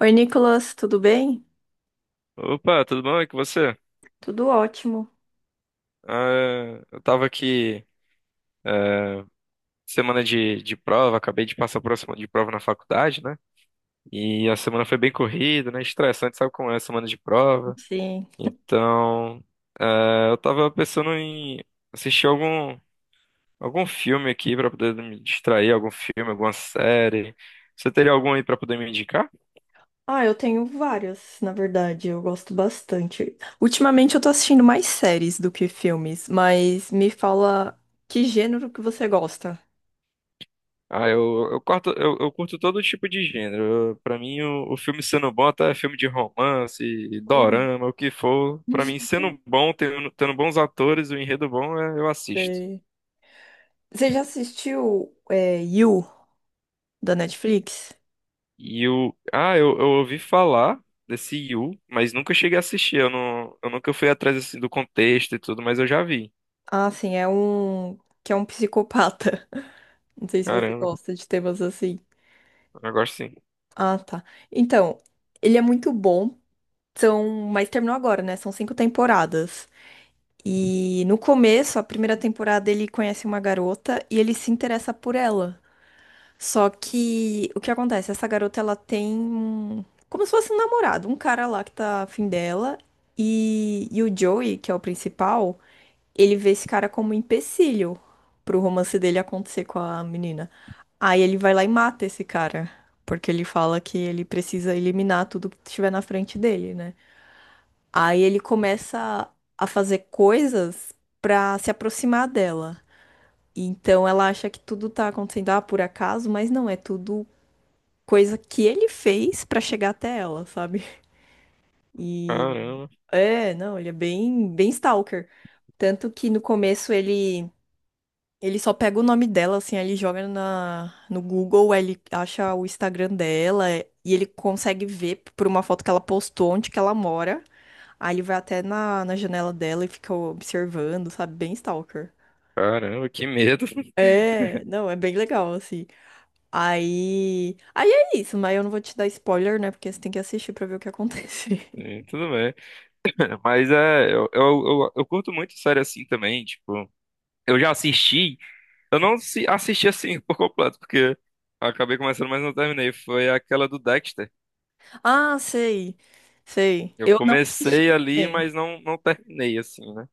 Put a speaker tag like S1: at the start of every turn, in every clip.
S1: Oi, Nicolas, tudo bem?
S2: Opa, tudo bom? E com você?
S1: Tudo ótimo.
S2: Eu tava aqui semana de prova, acabei de passar por uma semana de prova na faculdade, né? E a semana foi bem corrida, né? Estressante, sabe como é a semana de prova?
S1: Sim.
S2: Então, eu tava pensando em assistir algum filme aqui pra poder me distrair, algum filme, alguma série. Você teria algum aí pra poder me indicar?
S1: Ah, eu tenho várias, na verdade, eu gosto bastante. Ultimamente eu tô assistindo mais séries do que filmes, mas me fala que gênero que você gosta.
S2: Eu curto todo tipo de gênero. Pra mim, o filme sendo bom, até filme de romance,
S1: Hum.
S2: dorama, o que for. Pra mim, sendo bom, tendo bons atores, o enredo bom, eu assisto.
S1: Sei. Você já assistiu You, da Netflix?
S2: Eu ouvi falar desse Yu, mas nunca cheguei a assistir. Eu nunca fui atrás assim, do contexto e tudo, mas eu já vi.
S1: Ah, sim, é um que é um psicopata. Não sei se você
S2: Caramba,
S1: gosta de temas assim.
S2: eu gosto sim.
S1: Ah, tá. Então, ele é muito bom. São, mas terminou agora, né? São cinco temporadas. E no começo, a primeira temporada, ele conhece uma garota e ele se interessa por ela. Só que o que acontece? Essa garota ela tem como se fosse um namorado, um cara lá que tá afim dela. E o Joey, que é o principal, ele vê esse cara como um empecilho pro romance dele acontecer com a menina. Aí ele vai lá e mata esse cara, porque ele fala que ele precisa eliminar tudo que estiver na frente dele, né? Aí ele começa a fazer coisas pra se aproximar dela. Então ela acha que tudo tá acontecendo por acaso, mas não, é tudo coisa que ele fez pra chegar até ela, sabe? E
S2: Caramba,
S1: é, não, ele é bem, bem stalker. Tanto que no começo ele só pega o nome dela, assim, aí ele joga no Google, aí ele acha o Instagram dela e ele consegue ver por uma foto que ela postou onde que ela mora. Aí ele vai até na janela dela e fica observando, sabe? Bem stalker.
S2: caramba, que medo.
S1: É, não, é bem legal, assim. Aí. Aí é isso, mas eu não vou te dar spoiler, né? Porque você tem que assistir pra ver o que acontece.
S2: É, tudo bem. Mas é, eu curto muito série assim também, tipo. Eu já assisti. Eu não se- Assisti assim por completo, porque acabei começando, mas não terminei. Foi aquela do Dexter.
S1: Ah, sei. Sei.
S2: Eu
S1: Eu não assisti
S2: comecei ali, mas
S1: também.
S2: não terminei assim, né?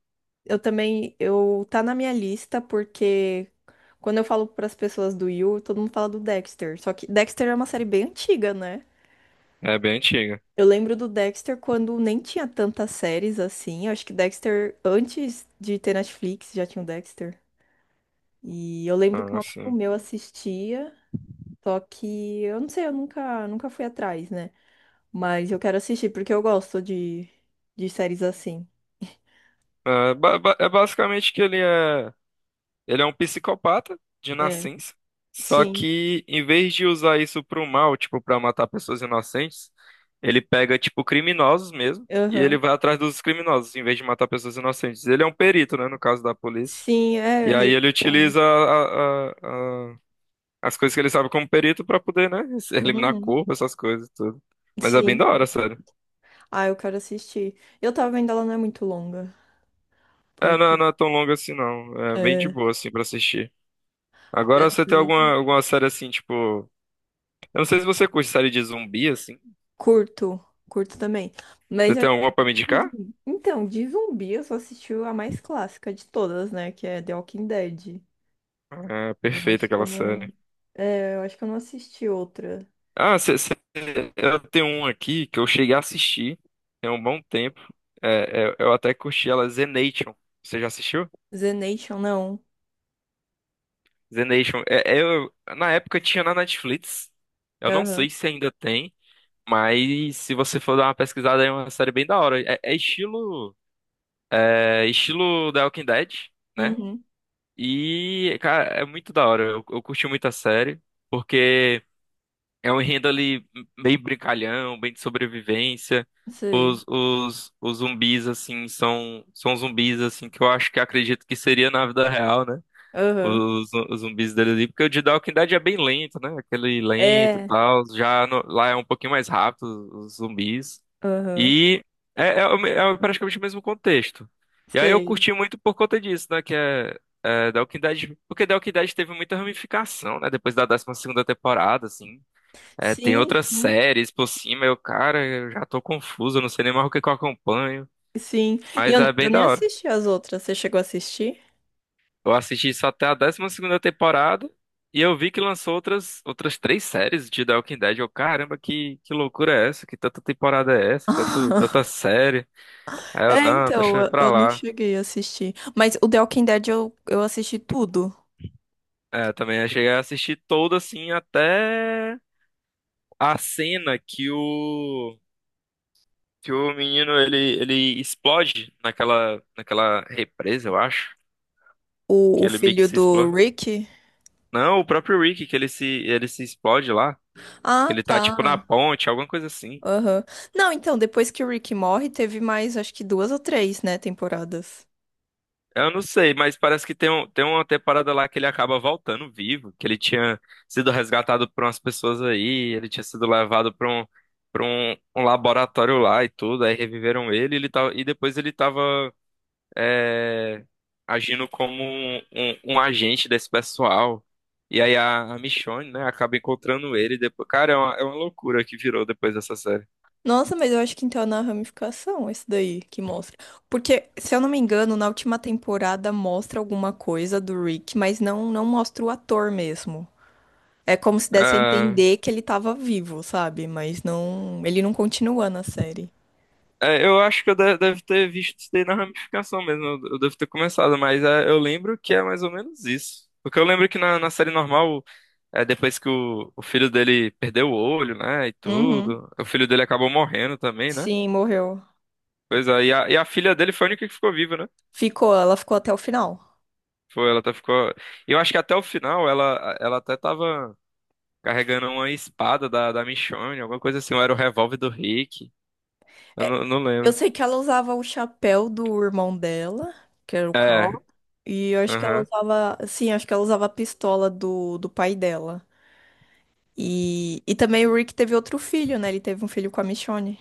S1: Eu também. Eu tá na minha lista porque quando eu falo pras pessoas do You, todo mundo fala do Dexter. Só que Dexter é uma série bem antiga, né?
S2: É bem antiga.
S1: Eu lembro do Dexter quando nem tinha tantas séries assim. Eu acho que Dexter, antes de ter Netflix, já tinha o Dexter. E eu lembro que um
S2: Ah,
S1: amigo
S2: sim.
S1: meu assistia, só que eu não sei, eu nunca, nunca fui atrás, né? Mas eu quero assistir porque eu gosto de séries assim.
S2: É, é basicamente que ele é um psicopata de
S1: É.
S2: nascença. Só
S1: Sim.
S2: que em vez de usar isso pro mal, tipo, pra matar pessoas inocentes, ele pega, tipo, criminosos mesmo. E ele
S1: Aham.
S2: vai atrás dos criminosos, em vez de matar pessoas inocentes. Ele é um perito, né, no caso da polícia.
S1: Sim, é.
S2: E aí ele
S1: Ah, né?
S2: utiliza a- as coisas que ele sabe como perito pra poder, né, eliminar
S1: Uhum.
S2: corpo, essas coisas e tudo. Mas é bem
S1: Sim.
S2: da hora, sério.
S1: Ah, eu quero assistir. Eu tava vendo ela não é muito longa,
S2: É, não, é,
S1: porque.
S2: não é tão longo assim, não. É bem de
S1: É.
S2: boa, assim, pra assistir. Agora você tem alguma série assim, tipo. Eu não sei se você curte série de zumbi, assim.
S1: Curto, curto também. Mas
S2: Você
S1: eu-
S2: tem alguma pra me indicar?
S1: Então, de zumbi eu só assisti a mais clássica de todas, né? Que é The Walking Dead.
S2: É
S1: Eu
S2: perfeita
S1: acho que eu
S2: aquela
S1: não.
S2: série.
S1: Eu acho que eu não assisti outra.
S2: Ah, você, você- eu tenho um aqui que eu cheguei a assistir tem um bom tempo. Eu até curti ela, Zenation. Você já assistiu?
S1: The Nation, não.
S2: The Nation. Na época tinha na Netflix. Eu não
S1: Aham.
S2: sei se ainda tem, mas se você for dar uma pesquisada, é uma série bem da hora. É estilo The Walking Dead, né?
S1: Uhum.
S2: E, cara, é muito da hora. Eu curti muito a série, porque é um enredo ali meio brincalhão, bem de sobrevivência.
S1: Sei.
S2: Os zumbis, assim, são zumbis, assim, que eu acho que acredito que seria na vida real, né?
S1: Aham.
S2: Os zumbis dele ali, porque o de The Walking Dead é bem lento, né? Aquele lento e
S1: É.
S2: tal. Já no- Lá é um pouquinho mais rápido os zumbis.
S1: Aham.
S2: E é, é praticamente o mesmo contexto. E aí eu
S1: Sei.
S2: curti muito por conta disso, né? Que é The Walking Dead, porque The Walking Dead teve muita ramificação, né? Depois da décima segunda temporada, assim. É, tem
S1: Sim,
S2: outras
S1: sim.
S2: séries por cima, eu, cara, eu já tô confuso, eu não sei nem mais o que que eu acompanho.
S1: Sim. E
S2: Mas é
S1: eu
S2: bem
S1: nem
S2: da hora.
S1: assisti as outras. Você chegou a assistir?
S2: Eu assisti só até a décima segunda temporada e eu vi que lançou outras três séries de The Walking Dead. Eu, caramba, que loucura é essa? Que tanta temporada é essa? Tanta série? Aí eu,
S1: É,
S2: não,
S1: então,
S2: deixa pra
S1: eu não
S2: lá.
S1: cheguei a assistir. Mas o The Walking Dead eu assisti tudo.
S2: É, também eu também cheguei a assistir toda assim até a cena que o menino ele explode naquela represa, eu acho, que
S1: O
S2: ele meio que
S1: filho
S2: se
S1: do
S2: explode.
S1: Rick?
S2: Não, o próprio Rick que ele se explode lá, que
S1: Ah,
S2: ele tá tipo na
S1: tá.
S2: ponte, alguma coisa assim.
S1: Aham. Não, então, depois que o Rick morre, teve mais, acho que duas ou três, né, temporadas.
S2: Eu não sei, mas parece que tem uma temporada lá que ele acaba voltando vivo, que ele tinha sido resgatado por umas pessoas aí, ele tinha sido levado para um laboratório lá e tudo, aí reviveram ele, ele tava, e depois ele tava é, agindo como um agente desse pessoal. E aí a Michonne, né, acaba encontrando ele depois. Cara, é é uma loucura que virou depois dessa série.
S1: Nossa, mas eu acho que então é na ramificação esse daí que mostra. Porque, se eu não me engano, na última temporada mostra alguma coisa do Rick, mas não mostra o ator mesmo. É como se desse a
S2: Ah,
S1: entender que ele tava vivo, sabe? Mas não, ele não continua na série.
S2: é, eu acho que eu deve ter visto isso daí na ramificação mesmo. Eu devo ter começado, mas é, eu lembro que é mais ou menos isso. Porque eu lembro que na série normal, é, depois que o filho dele perdeu o olho, né? E
S1: Uhum.
S2: tudo, o filho dele acabou morrendo também, né?
S1: Sim, morreu.
S2: Pois é, e a filha dele foi a única que ficou viva, né?
S1: Ficou, ela ficou até o final.
S2: Foi, ela até ficou. E eu acho que até o final ela até tava carregando uma espada da Michonne, alguma coisa assim, ou era o revólver do Rick. Eu não, Não
S1: Eu
S2: lembro.
S1: sei que ela usava o chapéu do irmão dela, que era o
S2: É,
S1: Carl. E eu acho que ela
S2: aham.
S1: usava. Sim, acho que ela usava a pistola do pai dela. E também o Rick teve outro filho, né? Ele teve um filho com a Michonne.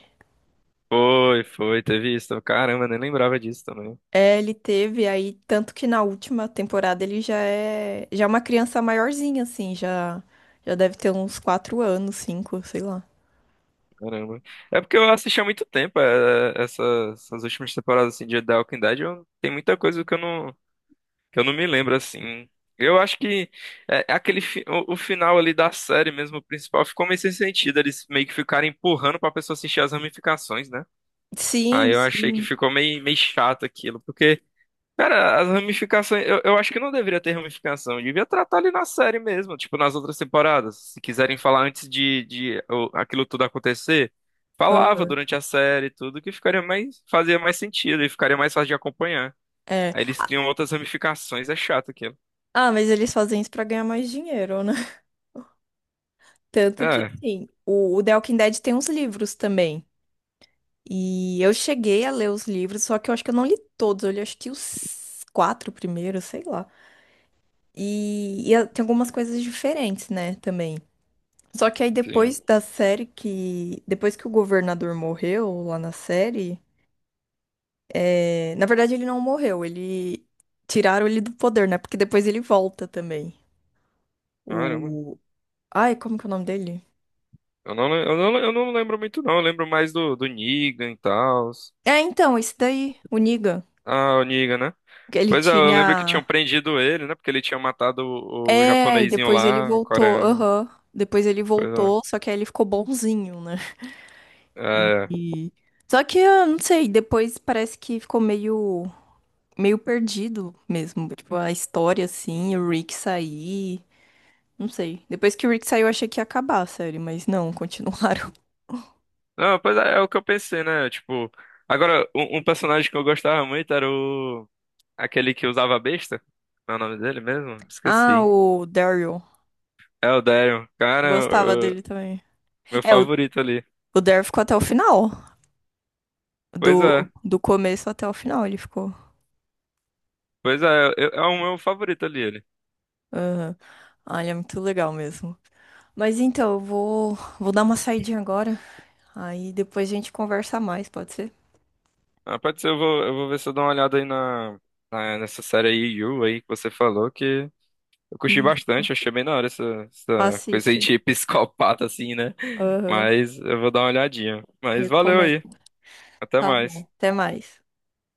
S2: Teve isso. Caramba, nem lembrava disso também.
S1: É, ele teve aí, tanto que na última temporada ele já é uma criança maiorzinha, assim, já deve ter uns quatro anos, cinco, sei lá.
S2: Caramba. É porque eu assisti há muito tempo é, essas últimas temporadas assim, de The Walking Dead. Eu, tem muita coisa que eu não me lembro assim. Eu acho que é, o final ali da série mesmo, o principal, ficou meio sem sentido. Eles meio que ficaram empurrando pra pessoa assistir as ramificações, né? Aí
S1: Sim,
S2: eu achei que
S1: sim.
S2: ficou meio chato aquilo. Porque cara, as ramificações. Eu acho que não deveria ter ramificação. Devia tratar ali na série mesmo, tipo nas outras temporadas. Se quiserem falar antes de aquilo tudo acontecer, falava
S1: Aham.
S2: durante a série e tudo, que ficaria mais, fazia mais sentido e ficaria mais fácil de acompanhar.
S1: É.
S2: Aí eles criam outras ramificações, é chato aquilo.
S1: Ah, mas eles fazem isso pra ganhar mais dinheiro, né? Tanto que,
S2: É,
S1: assim, o The Walking Dead tem uns livros também. E eu cheguei a ler os livros, só que eu acho que eu não li todos. Eu li acho que os quatro primeiros, sei lá. Tem algumas coisas diferentes, né, também. Só que aí
S2: sim.
S1: depois da série que... Depois que o governador morreu lá na série... Na verdade, ele não morreu. Ele... Tiraram ele do poder, né? Porque depois ele volta também.
S2: Caramba.
S1: O... Ai, como que é o nome dele?
S2: Eu não lembro muito, não. Eu lembro mais do Negan e tal.
S1: É, então, esse daí, o Negan.
S2: Ah, o Negan, né?
S1: Que ele
S2: Pois é, eu lembro que tinham
S1: tinha...
S2: prendido ele, né? Porque ele tinha matado o
S1: É, e
S2: japonesinho
S1: depois ele
S2: lá, o
S1: voltou.
S2: coreano.
S1: Aham. Depois ele
S2: Pois é.
S1: voltou, só que aí ele ficou bonzinho, né? E...
S2: É. É.
S1: e- Só que, eu não sei, depois parece que ficou meio... meio perdido mesmo. Tipo, a história, assim, o Rick sair... Não sei. Depois que o Rick saiu, eu achei que ia acabar a série, mas não, continuaram.
S2: Não, pois é, é o que eu pensei, né? Tipo, agora, um personagem que eu gostava muito era o... Aquele que usava a besta. Não é o nome dele mesmo?
S1: Ah,
S2: Esqueci.
S1: o Daryl.
S2: É o Daryl.
S1: Eu gostava dele também.
S2: Meu
S1: É,
S2: favorito ali.
S1: o Daryl ficou até o final.
S2: Pois é.
S1: Do começo até o final ele ficou.
S2: É o meu favorito ali, ele.
S1: Aham. Olha, muito legal mesmo. Mas então, vou dar uma saidinha agora. Aí depois a gente conversa mais, pode ser?
S2: Ah, pode ser, eu vou ver se eu dou uma olhada aí nessa série aí, You, aí, que você falou, que eu curti
S1: E
S2: bastante, achei bem da hora essa, essa coisa aí
S1: assiste.
S2: de psicopata, assim, né?
S1: Aham.
S2: Mas eu vou dar uma olhadinha. Mas valeu aí.
S1: Recomendo.
S2: Até
S1: Tá
S2: mais.
S1: bom. Até mais.